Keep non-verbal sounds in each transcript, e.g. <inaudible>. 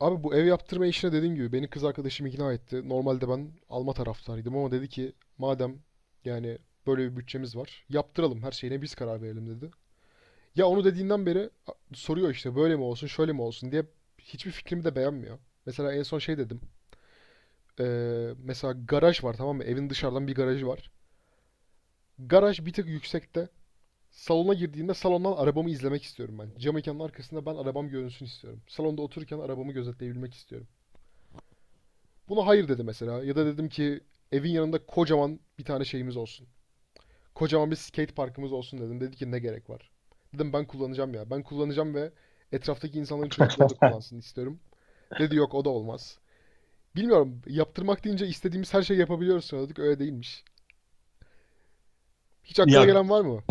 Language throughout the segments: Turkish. Abi bu ev yaptırma işine dediğim gibi beni kız arkadaşım ikna etti. Normalde ben alma taraftarıydım ama dedi ki madem yani böyle bir bütçemiz var yaptıralım her şeyine biz karar verelim dedi. Ya onu dediğinden beri soruyor işte böyle mi olsun şöyle mi olsun diye hiçbir fikrimi de beğenmiyor. Mesela en son şey dedim. Mesela garaj var, tamam mı? Evin dışarıdan bir garajı var. Garaj bir tık yüksekte. Salona girdiğinde salondan arabamı izlemek istiyorum ben. Cam mekanın arkasında ben arabam görünsün istiyorum. Salonda otururken arabamı gözetleyebilmek istiyorum. Buna hayır dedi mesela. Ya da dedim ki evin yanında kocaman bir tane şeyimiz olsun. Kocaman bir skate parkımız olsun dedim. Dedi ki ne gerek var? Dedim ben kullanacağım ya. Ben kullanacağım ve etraftaki insanların çocukları da kullansın istiyorum. Dedi yok o da olmaz. Bilmiyorum, yaptırmak deyince istediğimiz her şeyi yapabiliyoruz sanıyorduk. Öyle değilmiş. Hiç aklına Ya gelen var mı?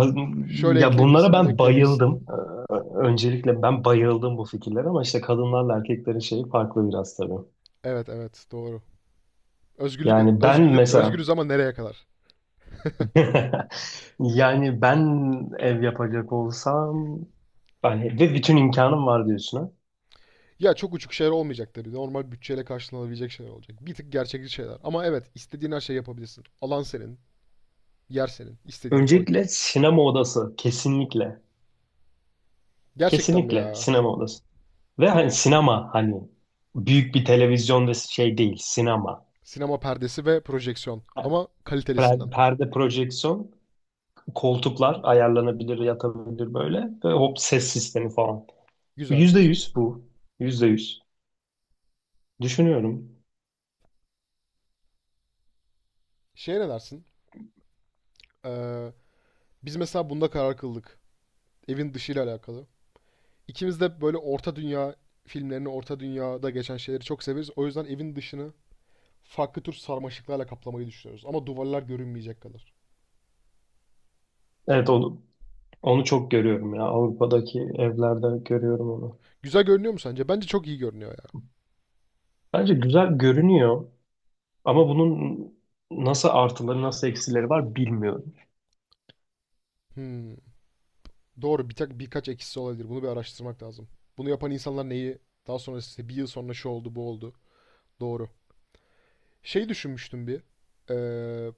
Şöyle ya bunlara ekleyebilirsin, bunu ben ekleyebilirsin. bayıldım. Öncelikle ben bayıldım bu fikirlere ama işte kadınlarla erkeklerin şeyi farklı biraz tabii. Evet, evet, doğru. Özgürlük, Yani ben özgürlük, mesela özgürüz ama nereye kadar? <laughs> yani ben ev yapacak olsam yani ve bütün imkanım var diyorsun ha. Ya çok uçuk şeyler olmayacak tabii. Normal bütçeyle karşılanabilecek şeyler olacak. Bir tık gerçekçi şeyler. Ama evet, istediğin her şeyi yapabilirsin. Alan senin, yer senin. İstediğini koy. Öncelikle sinema odası kesinlikle. Gerçekten mi Kesinlikle ya? sinema odası. Ve hani sinema hani büyük bir televizyon ve şey değil sinema. Sinema perdesi ve projeksiyon. Ama kalitelisinden. Perde projeksiyon, koltuklar ayarlanabilir, yatabilir böyle. Ve hop ses sistemi falan. Güzel. Yüzde yüz bu. Yüzde yüz. Düşünüyorum. Şeye ne dersin? Ee, Biz mesela bunda karar kıldık. Evin dışıyla alakalı. İkimiz de böyle orta dünya filmlerini, orta dünyada geçen şeyleri çok severiz. O yüzden evin dışını farklı tür sarmaşıklarla kaplamayı düşünüyoruz. Ama duvarlar görünmeyecek kadar. Evet onu, onu çok görüyorum ya. Avrupa'daki evlerde görüyorum onu. Güzel görünüyor mu sence? Bence çok iyi görünüyor ya. Bence güzel görünüyor ama bunun nasıl artıları nasıl eksileri var bilmiyorum. Hmm. Doğru, bir tak birkaç eksisi olabilir. Bunu bir araştırmak lazım. Bunu yapan insanlar neyi daha sonra işte bir yıl sonra şu oldu bu oldu. Doğru. Şey düşünmüştüm bir. Ee,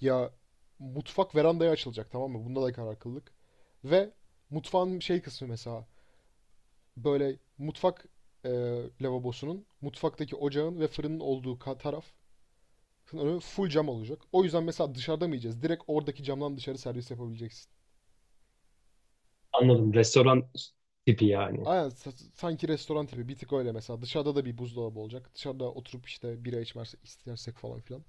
Ya mutfak verandaya açılacak, tamam mı? Bunda da karar kıldık. Ve mutfağın şey kısmı mesela böyle mutfak e, lavabosunun, mutfaktaki ocağın ve fırının olduğu taraf full cam olacak. O yüzden mesela dışarıda mı yiyeceğiz? Direkt oradaki camdan dışarı servis yapabileceksin. Anladım. Restoran tipi yani. Aynen, sanki restoran tipi bir tık öyle mesela. Dışarıda da bir buzdolabı olacak. Dışarıda oturup işte bira içmez istersek falan filan.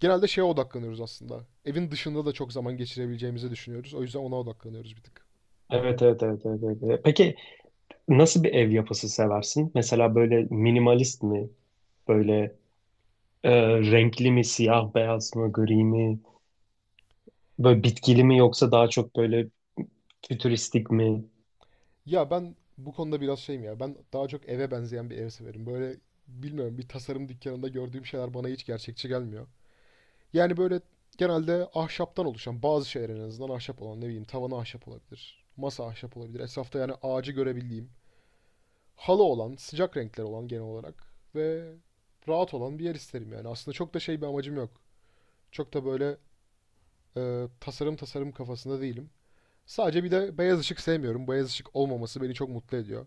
Genelde şeye odaklanıyoruz aslında. Evin dışında da çok zaman geçirebileceğimizi düşünüyoruz. O yüzden ona odaklanıyoruz bir tık. Evet, evet, evet, evet, evet, evet. Peki nasıl bir ev yapısı seversin? Mesela böyle minimalist mi? Böyle e, renkli mi, siyah beyaz mı, gri mi? Böyle bitkili mi yoksa daha çok böyle fütüristik mi? Ya ben bu konuda biraz şeyim ya. Ben daha çok eve benzeyen bir ev severim. Böyle bilmiyorum, bir tasarım dükkanında gördüğüm şeyler bana hiç gerçekçi gelmiyor. Yani böyle genelde ahşaptan oluşan bazı şeyler, en azından ahşap olan, ne bileyim tavanı ahşap olabilir. Masa ahşap olabilir. Etrafta yani ağacı görebildiğim, halı olan, sıcak renkler olan genel olarak ve rahat olan bir yer isterim yani. Aslında çok da şey bir amacım yok. Çok da böyle tasarım tasarım kafasında değilim. Sadece bir de beyaz ışık sevmiyorum. Beyaz ışık olmaması beni çok mutlu ediyor.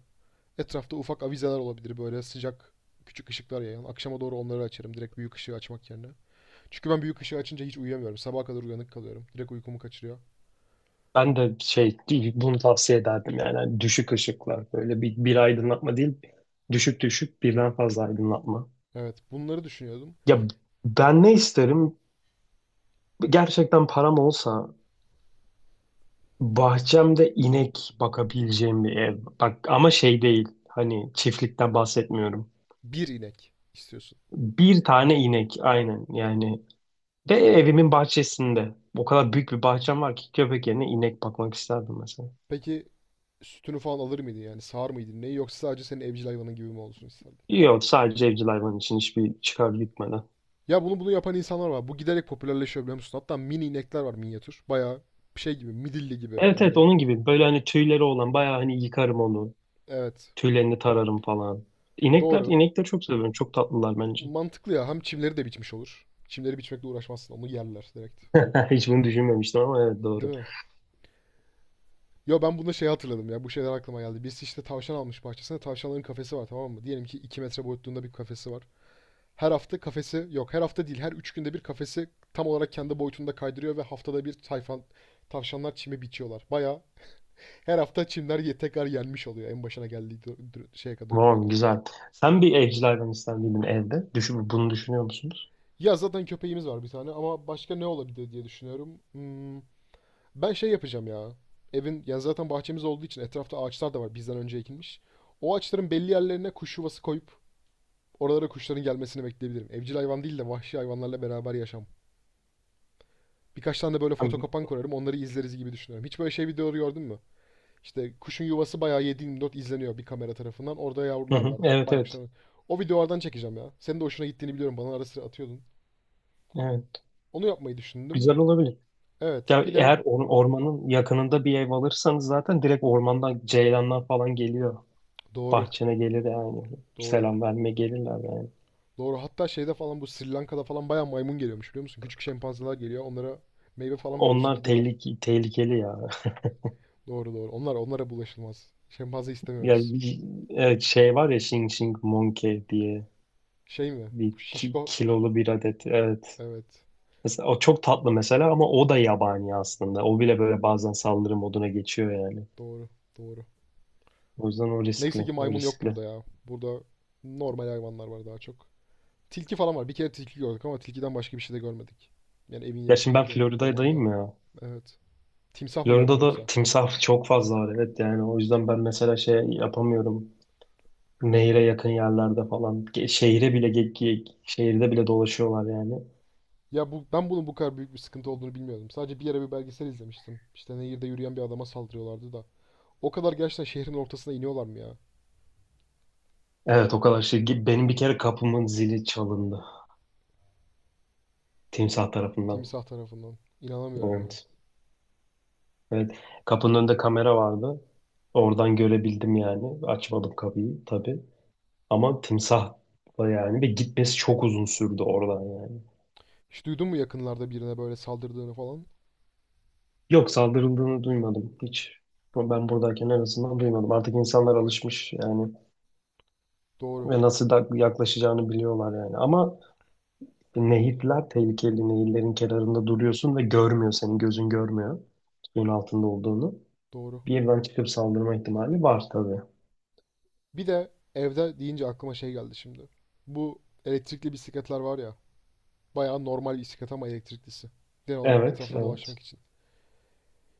Etrafta ufak avizeler olabilir, böyle sıcak küçük ışıklar yayan. Akşama doğru onları açarım direkt büyük ışığı açmak yerine. Çünkü ben büyük ışığı açınca hiç uyuyamıyorum. Sabaha kadar uyanık kalıyorum. Direkt uykumu kaçırıyor. Ben de şey bunu tavsiye ederdim yani. Hani düşük ışıklar, böyle bir aydınlatma değil, düşük düşük birden fazla aydınlatma. Evet, bunları düşünüyordum. Ya ben ne isterim? Gerçekten param olsa bahçemde inek bakabileceğim bir ev. Bak ama şey değil, hani çiftlikten bahsetmiyorum. Bir inek istiyorsun. Bir tane inek aynen yani, ve evimin bahçesinde. O kadar büyük bir bahçem var ki köpek yerine inek bakmak isterdim mesela. Peki sütünü falan alır mıydı yani, sağar mıydı neyi, yoksa sadece senin evcil hayvanın gibi mi olsun isterdin? Yok, sadece evcil hayvan için, hiçbir çıkar gitmeden. Ya bunu yapan insanlar var. Bu giderek popülerleşiyor, biliyor musun? Hatta mini inekler var, minyatür. Bayağı şey gibi, midilli gibi Evet evet, yani. onun gibi, böyle hani tüyleri olan, bayağı hani yıkarım onu. Evet, Tüylerini tararım falan. İnekler, doğru. inekleri çok seviyorum. Çok tatlılar bence. Mantıklı ya, hem çimleri de biçmiş olur. Çimleri biçmekle uğraşmazsın, onu yerler direkt. <laughs> Hiç bunu düşünmemiştim ama evet Değil doğru. mi? Yo ben bunda şey hatırladım ya, bu şeyler aklıma geldi. Biz işte tavşan almış, bahçesinde tavşanların kafesi var, tamam mı? Diyelim ki 2 metre boyutluğunda bir kafesi var. Her hafta kafesi, yok her hafta değil, her 3 günde bir kafesi tam olarak kendi boyutunda kaydırıyor ve haftada bir tayfan tavşanlar çimi biçiyorlar. Baya her hafta çimler tekrar yenmiş oluyor en başına geldiği şeye kadar, güne Tamam, kadar. güzel. Sen bir evcil hayvan ister miydin evde? Düşün, bunu düşünüyor musunuz? Ya zaten köpeğimiz var bir tane ama başka ne olabilir diye düşünüyorum. Ben şey yapacağım ya. Evin, yani zaten bahçemiz olduğu için etrafta ağaçlar da var bizden önce ekilmiş. O ağaçların belli yerlerine kuş yuvası koyup oralara kuşların gelmesini bekleyebilirim. Evcil hayvan değil de vahşi hayvanlarla beraber yaşam. Birkaç tane de böyle Hı fotokopan kurarım. Onları izleriz gibi düşünüyorum. Hiç böyle şey videoları gördün mü? İşte kuşun yuvası bayağı 7/24 izleniyor bir kamera tarafından. Orada yavrular hı. var. Evet evet. Baykuşlar. O videolardan çekeceğim ya. Senin de hoşuna gittiğini biliyorum. Bana ara sıra atıyordun. Evet. Onu yapmayı düşündüm. Güzel olabilir. Evet. Ya Bir de eğer ormanın yakınında bir ev alırsanız zaten direkt ormandan ceylanlar falan geliyor. doğru. Bahçene gelir yani. Doğru. Selam verme gelirler yani. Doğru. Hatta şeyde falan, bu Sri Lanka'da falan bayağı maymun geliyormuş, biliyor musun? Küçük şempanzeler geliyor. Onlara meyve falan veriyorsun, Onlar gidiyorlar. Tehlikeli ya. <laughs> Doğru, doğru. Onlar, onlara bulaşılmaz. Şempanze Ya istemiyoruz. bir- evet, şey var ya, Xing Xing Monkey diye Şey mi? bir Bu şişko. kilolu bir adet. Evet. Evet. Mesela o çok tatlı mesela ama o da yabani aslında. O bile böyle bazen saldırı moduna geçiyor yani. Doğru. Doğru. O yüzden Neyse ki o maymun yok riskli. burada ya. Burada normal hayvanlar var daha çok. Tilki falan var. Bir kere tilki gördük ama tilkiden başka bir şey de görmedik. Yani evin Ya şimdi ben yakındaki ormanda. Florida'dayım ya. Evet. Timsah mı gördün Florida'da yoksa? timsah çok fazla var, evet, yani o yüzden ben mesela şey yapamıyorum. Nehire yakın yerlerde falan, şehire bile şehirde bile dolaşıyorlar yani. Ya ben bunun bu kadar büyük bir sıkıntı olduğunu bilmiyordum. Sadece bir yere bir belgesel izlemiştim. İşte nehirde yürüyen bir adama saldırıyorlardı da. O kadar gerçekten şehrin ortasına iniyorlar mı ya? Evet, o kadar şey. Benim bir kere kapımın zili çalındı. Timsah tarafından. Timsah tarafından. İnanamıyorum ya. Evet. Evet. Kapının önünde kamera vardı. Oradan görebildim yani. Açmadım kapıyı tabii. Ama timsah da yani, ve gitmesi çok uzun sürdü oradan yani. Hiç duydun mu yakınlarda birine böyle saldırdığını falan? Yok, saldırıldığını duymadım hiç. Ben buradayken en azından duymadım. Artık insanlar Okey. alışmış yani. Doğru. Ve nasıl da yaklaşacağını biliyorlar yani. Ama nehirler tehlikeli. Nehirlerin kenarında duruyorsun ve görmüyor. Senin gözün görmüyor suyun altında olduğunu. Doğru. Birden çıkıp saldırma ihtimali var tabii. Bir de evde deyince aklıma şey geldi şimdi. Bu elektrikli bisikletler var ya. Bayağı normal bisiklet ama elektriklisi. Genel olarak Evet, etrafta evet. dolaşmak için.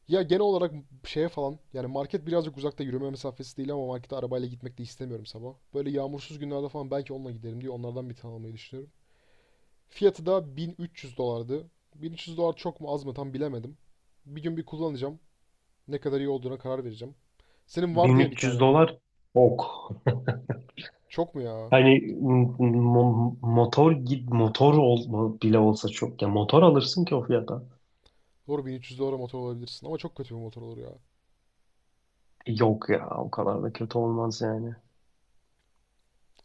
Ya genel olarak şeye falan, yani market birazcık uzakta, yürüme mesafesi değil ama markete arabayla gitmek de istemiyorum sabah. Böyle yağmursuz günlerde falan belki onunla giderim diye onlardan bir tane almayı düşünüyorum. Fiyatı da 1300 dolardı. 1300 dolar çok mu az mı tam bilemedim. Bir gün bir kullanacağım. Ne kadar iyi olduğuna karar vereceğim. Senin var diye bir 1.300 tane. dolar, ok. Çok mu ya? Hani motor bile olsa çok ya, motor alırsın ki o fiyata. Doğru, 1300 dolara motor olabilirsin ama çok kötü bir motor olur ya. Yok ya, o kadar da kötü olmaz yani.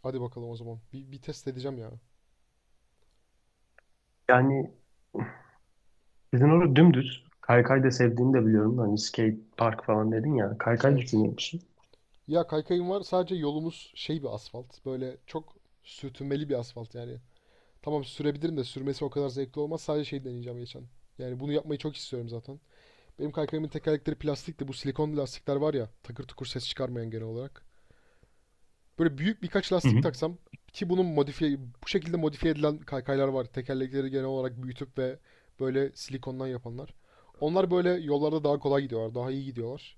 Hadi bakalım o zaman. Bir test edeceğim ya. Yani sizin orada dümdüz kaykay da sevdiğini de biliyorum. Hani skate park falan dedin ya. Kaykay Evet. düşünüyor musun? Ya kaykayım var. Sadece yolumuz şey bir asfalt. Böyle çok sürtünmeli bir asfalt yani. Tamam sürebilirim de sürmesi o kadar zevkli olmaz. Sadece şey deneyeceğim geçen. Yani bunu yapmayı çok istiyorum zaten. Benim kaykayımın tekerlekleri plastik de bu silikon lastikler var ya. Takır tukur ses çıkarmayan genel olarak. Böyle büyük birkaç Hı lastik hı. taksam, ki bunun modifiye, bu şekilde modifiye edilen kaykaylar var. Tekerlekleri genel olarak büyütüp ve böyle silikondan yapanlar. Onlar böyle yollarda daha kolay gidiyorlar, daha iyi gidiyorlar.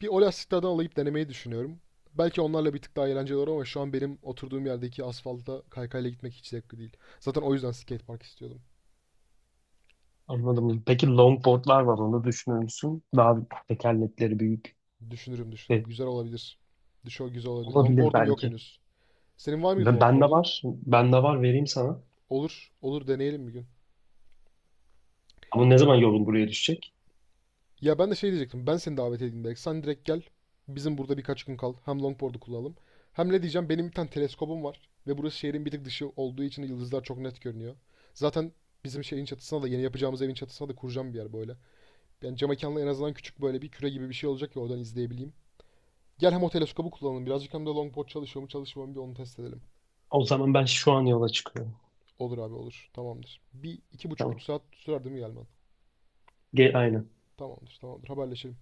Bir o lastiklerden alayıp denemeyi düşünüyorum. Belki onlarla bir tık daha eğlenceli olur ama şu an benim oturduğum yerdeki asfalta kaykayla gitmek hiç zevkli değil. Zaten o yüzden skatepark istiyordum. Anladım. Peki longboardlar var, onu düşünür müsün? Daha tekerlekleri büyük. Düşünürüm, düşünürüm. E, Güzel olabilir. Düşo güzel olabilir. olabilir Longboard'um yok belki. henüz. Senin var Ve mıydı bende longboard'un? var. Bende var, vereyim sana. Olur. Olur, deneyelim bir gün. Ama ne zaman yolun buraya düşecek? Ya ben de şey diyecektim. Ben seni davet edeyim belki. Sen direkt gel. Bizim burada birkaç gün kal. Hem longboard'u kullanalım. Hem ne diyeceğim? Benim bir tane teleskobum var. Ve burası şehrin bir tık dışı olduğu için yıldızlar çok net görünüyor. Zaten bizim şeyin çatısına da, yeni yapacağımız evin çatısına da kuracağım bir yer böyle. Yani cam mekanla, en azından küçük böyle bir küre gibi bir şey olacak ki oradan izleyebileyim. Gel, hem o teleskobu kullanalım birazcık hem de longboard çalışıyor mu çalışmıyor mu bir onu test edelim. O zaman ben şu an yola çıkıyorum. Olur abi, olur. Tamamdır. Bir iki buçuk üç Tamam. saat sürer değil mi gelmen? Gel, aynen. Tamamdır, tamamdır, haberleşelim.